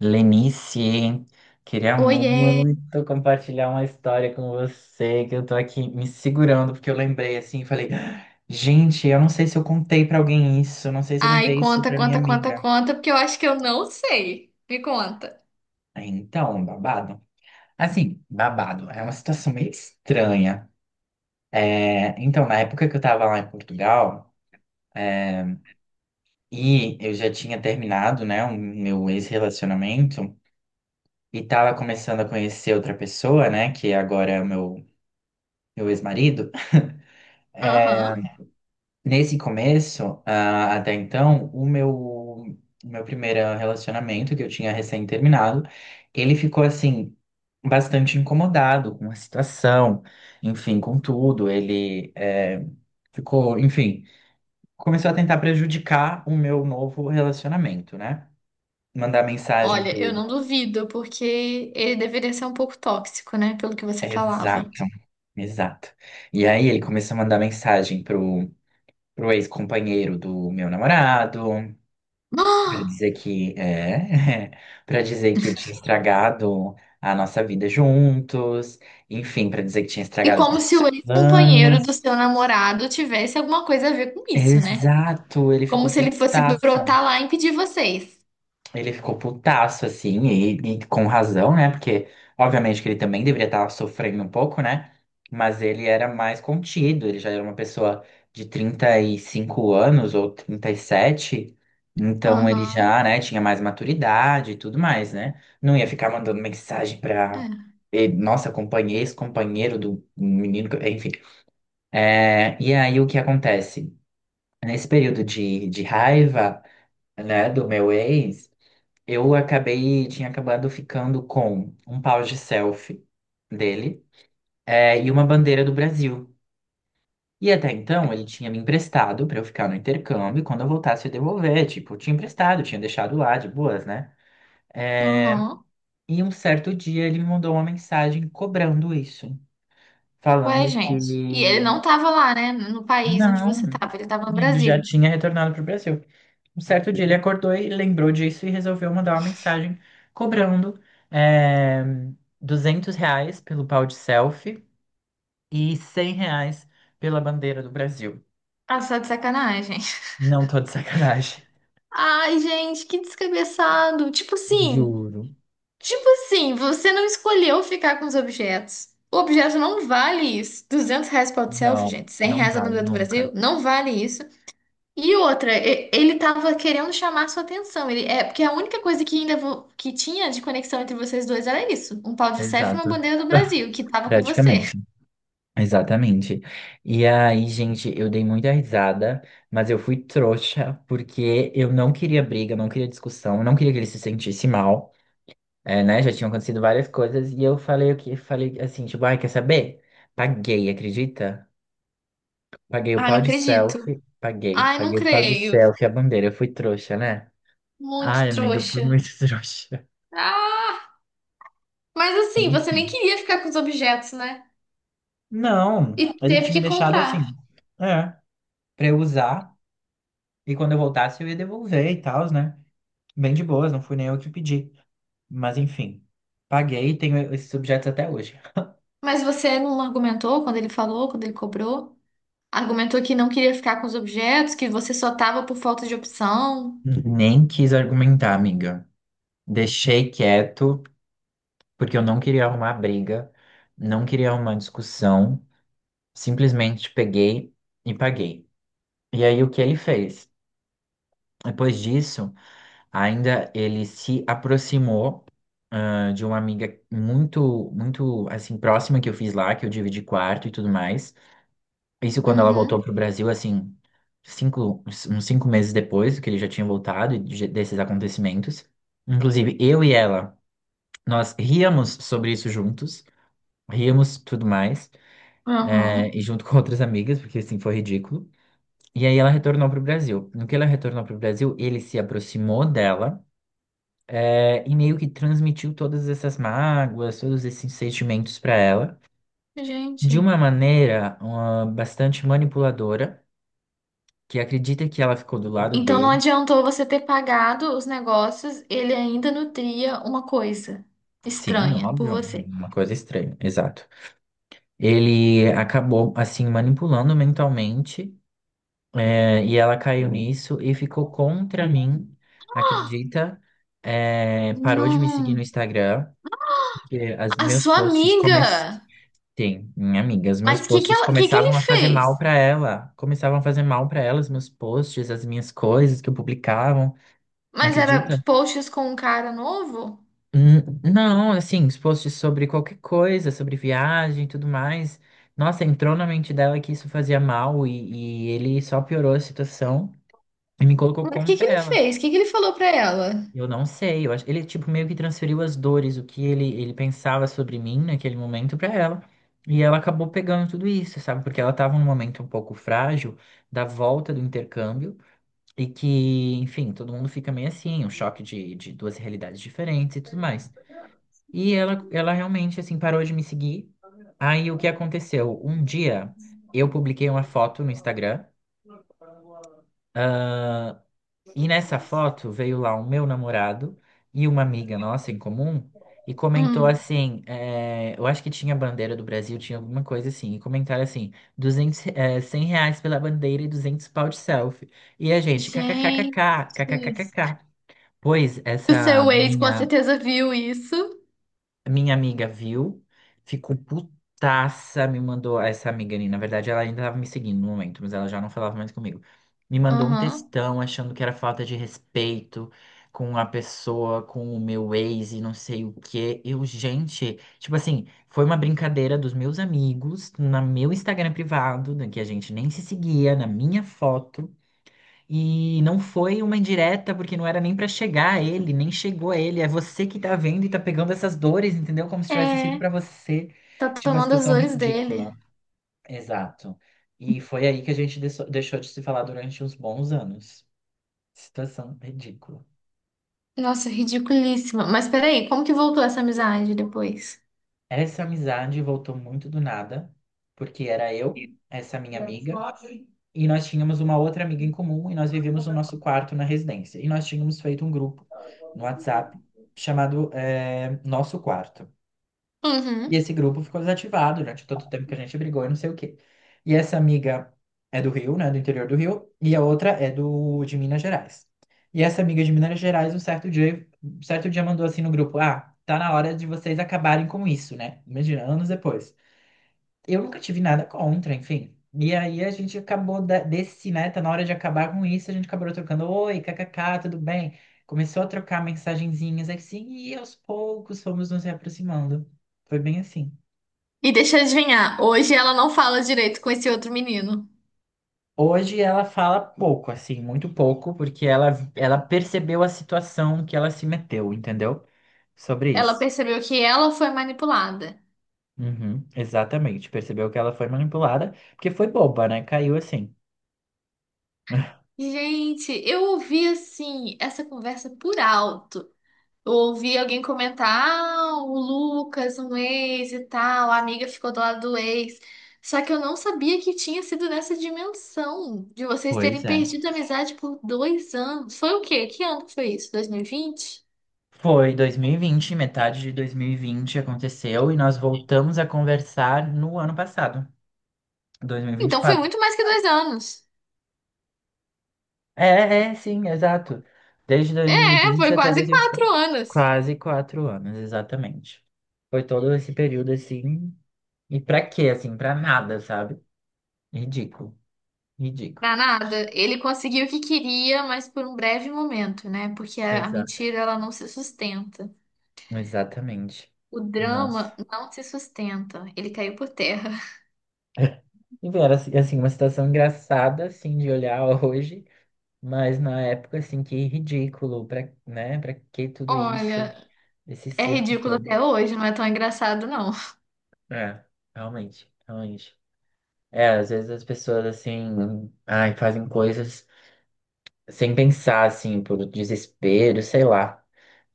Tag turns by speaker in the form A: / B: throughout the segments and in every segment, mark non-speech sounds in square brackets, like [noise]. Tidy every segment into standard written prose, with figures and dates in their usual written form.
A: Lenice, queria
B: Oiê!
A: muito compartilhar uma história com você, que eu tô aqui me segurando, porque eu lembrei assim, e falei, gente, eu não sei se eu contei pra alguém isso, eu não sei se eu
B: Ai,
A: contei isso
B: conta,
A: pra minha
B: conta, conta,
A: amiga.
B: conta, porque eu acho que eu não sei. Me conta.
A: Aí, então, babado. Assim, babado, é uma situação meio estranha. É, então, na época que eu tava lá em Portugal, e eu já tinha terminado, né, o meu ex-relacionamento, e tava começando a conhecer outra pessoa, né, que agora é o meu ex-marido. [laughs]
B: Aham.
A: Nesse começo, até então, o meu primeiro relacionamento, que eu tinha recém-terminado, ele ficou assim, bastante incomodado com a situação, enfim, com tudo. Ele ficou, enfim, começou a tentar prejudicar o meu novo relacionamento, né? Mandar mensagem
B: Olha, eu
A: pro.
B: não duvido, porque ele deveria ser um pouco tóxico, né? Pelo que você falava.
A: Exato,
B: [gasps]
A: exato. E aí ele começou a mandar mensagem pro ex-companheiro do meu namorado. Pra
B: Ah!
A: dizer que é, [laughs] para dizer que tinha estragado a nossa vida juntos, enfim, pra dizer que tinha
B: E
A: estragado os
B: como se
A: nossos
B: o ex-companheiro do
A: planos.
B: seu namorado tivesse alguma coisa a ver com isso, né?
A: Exato, ele
B: Como
A: ficou
B: se ele fosse
A: putaço.
B: brotar lá e impedir vocês.
A: Ele ficou putaço, assim, e com razão, né? Porque, obviamente, que ele também deveria estar sofrendo um pouco, né? Mas ele era mais contido, ele já era uma pessoa de 35 anos ou 37. Então ele
B: Aham.
A: já, né, tinha mais maturidade e tudo mais, né? Não ia ficar mandando mensagem pra.
B: É.
A: Nossa, companheiro, ex-companheiro do menino, enfim. É, e aí o que acontece? Nesse período de raiva, né, do meu ex. Eu acabei, tinha acabado ficando com um pau de selfie dele, é, e uma bandeira do Brasil. E até então ele tinha me emprestado pra eu ficar no intercâmbio e quando eu voltasse eu devolver. Tipo, eu tinha emprestado, tinha deixado lá de boas, né?
B: Aham.
A: E um certo dia ele me mandou uma mensagem cobrando isso,
B: Ué,
A: falando que
B: gente. E ele não tava lá, né? No país onde
A: não,
B: você tava, ele tava no
A: ele já
B: Brasil.
A: tinha retornado pro Brasil. Um certo dia ele acordou e lembrou disso e resolveu mandar uma mensagem cobrando eh, R$ 200 pelo pau de selfie e R$ 100 pela bandeira do Brasil.
B: Ah, só de sacanagem.
A: Não tô de sacanagem.
B: Ai, gente, que descabeçado. Tipo assim,
A: Juro.
B: tipo assim, você não escolheu ficar com os objetos. O objeto não vale isso. R$ 200 para o selfie,
A: Não,
B: gente. cem
A: não
B: reais a
A: vai
B: bandeira do
A: nunca.
B: Brasil, não vale isso. E outra, ele tava querendo chamar sua atenção. Ele, é porque a única coisa que ainda que tinha de conexão entre vocês dois era isso, um pau de selfie e uma
A: Exato.
B: bandeira do Brasil que
A: [laughs]
B: tava com você.
A: Praticamente. Exatamente. E aí, gente, eu dei muita risada, mas eu fui trouxa porque eu não queria briga, não queria discussão, não queria que ele se sentisse mal. É, né? Já tinham acontecido várias coisas e eu falei o que falei assim, tipo, ai, quer saber? Paguei, acredita? Paguei o
B: Ai,
A: pau
B: não
A: de
B: acredito.
A: selfie, paguei,
B: Ai, não
A: paguei o pau de
B: creio.
A: selfie, a bandeira, eu fui trouxa, né?
B: Muito
A: Ai, amiga, eu fui
B: trouxa.
A: muito [laughs] trouxa.
B: Ah, mas assim, você nem
A: Enfim.
B: queria ficar com os objetos, né? E
A: Não, ele
B: teve
A: tinha
B: que
A: deixado
B: comprar.
A: assim, é, pra eu usar e quando eu voltasse eu ia devolver e tal, né? Bem de boas, não fui nem eu que pedi. Mas enfim, paguei e tenho esses objetos até hoje.
B: Mas você não argumentou quando ele falou, quando ele cobrou? Argumentou que não queria ficar com os objetos, que você só tava por falta de opção.
A: Nem quis argumentar, amiga. Deixei quieto, porque eu não queria arrumar briga, não queria arrumar discussão, simplesmente peguei e paguei. E aí o que ele fez? Depois disso, ainda ele se aproximou de uma amiga muito, muito assim próxima que eu fiz lá, que eu dividi quarto e tudo mais. Isso quando ela
B: Uhum.
A: voltou pro Brasil, assim, cinco, uns 5 meses depois que ele já tinha voltado e desses acontecimentos. Inclusive, eu e ela, nós ríamos sobre isso juntos, ríamos tudo mais. É, e
B: Uhum.
A: junto [laughs] com outras amigas, porque assim foi ridículo. E aí ela retornou pro Brasil. No que ela retornou pro Brasil, ele se aproximou dela, é, e meio que transmitiu todas essas mágoas, todos esses sentimentos para ela, de
B: Gente.
A: uma maneira, bastante manipuladora, que acredita que ela ficou do lado
B: Então não
A: dele.
B: adiantou você ter pagado os negócios, ele ainda nutria uma coisa
A: Sim,
B: estranha por
A: óbvio,
B: você.
A: uma coisa estranha, exato. Ele acabou assim manipulando mentalmente. É, e ela caiu nisso e ficou contra mim, acredita? É, parou de me seguir no
B: Não.
A: Instagram, porque as
B: A
A: meus
B: sua
A: posts comecei,
B: amiga!
A: minha amiga, os meus
B: Mas o que que
A: posts
B: ela, que ele
A: começavam a fazer mal
B: fez?
A: para ela, começavam a fazer mal para ela, os meus posts, as minhas coisas que eu publicavam,
B: Mas era
A: acredita?
B: posts com um cara novo?
A: Não, assim, os posts sobre qualquer coisa, sobre viagem e tudo mais. Nossa, entrou na mente dela que isso fazia mal e ele só piorou a situação e me colocou
B: Mas o que
A: contra
B: que ele
A: ela.
B: fez? O que que ele falou pra ela?
A: Eu não sei, eu acho, ele tipo meio que transferiu as dores, o que ele, pensava sobre mim naquele momento pra ela. E ela acabou pegando tudo isso, sabe? Porque ela tava num momento um pouco frágil da volta do intercâmbio e que, enfim, todo mundo fica meio assim, um choque de duas realidades diferentes e tudo mais. E ela realmente assim parou de me seguir. Aí o que aconteceu? Um dia eu publiquei uma foto no Instagram. E nessa foto veio lá o meu namorado e uma amiga nossa em comum e comentou
B: Hum.
A: assim, é, eu acho que tinha bandeira do Brasil, tinha alguma coisa assim, e comentaram assim, 200 R$ 100 pela bandeira e 200 pau de selfie. E a gente,
B: Gente,
A: kkkkk, kkkkk. Pois
B: o
A: essa
B: seu ex com
A: minha
B: certeza viu isso.
A: minha amiga viu, ficou putaça, me mandou. Essa amiga ali, na verdade, ela ainda estava me seguindo no momento, mas ela já não falava mais comigo. Me mandou um
B: Aham.
A: textão achando que era falta de respeito com a pessoa, com o meu ex e não sei o quê. Eu, gente, tipo assim, foi uma brincadeira dos meus amigos, no meu Instagram privado, né, que a gente nem se seguia, na minha foto. E não foi uma indireta, porque não era nem pra chegar a ele, nem chegou a ele. É você que tá vendo e tá pegando essas dores, entendeu? Como se tivesse sido
B: É,
A: pra você,
B: tá
A: tipo, uma
B: tomando as
A: situação
B: dores
A: ridícula.
B: dele.
A: Exato. E foi aí que a gente deixou de se falar durante uns bons anos. Situação ridícula.
B: Nossa, ridiculíssima. Mas peraí, como que voltou essa amizade depois?
A: Essa amizade voltou muito do nada, porque era eu, essa minha amiga. E nós tínhamos uma outra amiga em comum e nós vivíamos no nosso quarto na residência. E nós tínhamos feito um grupo no WhatsApp chamado Nosso Quarto. E
B: Uhum.
A: esse grupo ficou desativado durante todo o tempo que a gente brigou e não sei o quê. E essa amiga é do Rio, né, do interior do Rio, e a outra é do de Minas Gerais. E essa amiga de Minas Gerais, um certo dia mandou assim no grupo: Ah, tá na hora de vocês acabarem com isso, né? Imagina, anos depois eu nunca tive nada contra, enfim. E aí a gente acabou desse, né? Tá na hora de acabar com isso, a gente acabou trocando, oi, kkk, tudo bem? Começou a trocar mensagenzinhas assim, e aos poucos fomos nos aproximando. Foi bem assim.
B: E deixa eu adivinhar, hoje ela não fala direito com esse outro menino.
A: Hoje ela fala pouco, assim, muito pouco, porque ela percebeu a situação que ela se meteu, entendeu? Sobre
B: Ela
A: isso.
B: percebeu que ela foi manipulada.
A: Uhum, exatamente. Percebeu que ela foi manipulada, porque foi boba, né? Caiu assim.
B: Gente, eu ouvi assim essa conversa por alto. Eu ouvi alguém comentar, ah, o Lucas, um ex e tal, a amiga ficou do lado do ex. Só que eu não sabia que tinha sido nessa dimensão de vocês
A: Pois
B: terem
A: é.
B: perdido a amizade por 2 anos. Foi o quê? Que ano que foi isso? 2020.
A: Foi 2020, metade de 2020 aconteceu e nós voltamos a conversar no ano passado,
B: Então foi
A: 2024.
B: muito mais que 2 anos.
A: É, é, sim, exato. Desde dois mil e
B: É,
A: vinte
B: foi
A: até dois
B: quase
A: mil e vinte e
B: quatro
A: quatro,
B: anos.
A: quase 4 anos, exatamente. Foi todo esse período assim. E pra quê, assim? Pra nada, sabe? Ridículo, ridículo.
B: Pra nada. Ele conseguiu o que queria, mas por um breve momento, né? Porque a
A: Exato.
B: mentira, ela não se sustenta.
A: Exatamente.
B: O
A: Nossa.
B: drama não se sustenta. Ele caiu por terra.
A: E era assim, assim, uma situação engraçada, assim, de olhar [laughs] hoje. Mas na época, assim, que ridículo, pra, né? Pra que tudo isso,
B: Olha,
A: esse
B: é
A: circo
B: ridículo
A: todo?
B: até hoje, não é tão engraçado, não. [laughs]
A: É, realmente, realmente. É, às vezes as pessoas, assim, ai, fazem coisas sem pensar, assim, por desespero, sei lá.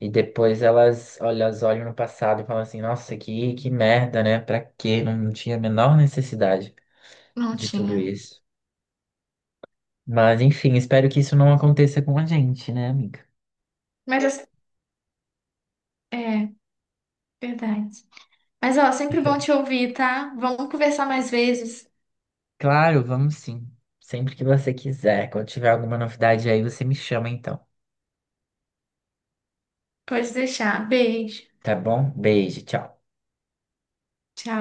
A: E depois elas, olha, elas olham no passado e falam assim, nossa, que merda, né? Pra quê? Não tinha a menor necessidade
B: Não
A: de tudo
B: tinha.
A: isso. Mas, enfim, espero que isso não aconteça com a gente, né, amiga?
B: Mas assim, é, verdade. Mas ó, sempre bom te ouvir, tá? Vamos conversar mais vezes.
A: Claro, vamos sim. Sempre que você quiser. Quando tiver alguma novidade aí, você me chama então.
B: Pode deixar. Beijo.
A: Tá bom? Beijo, tchau.
B: Tchau.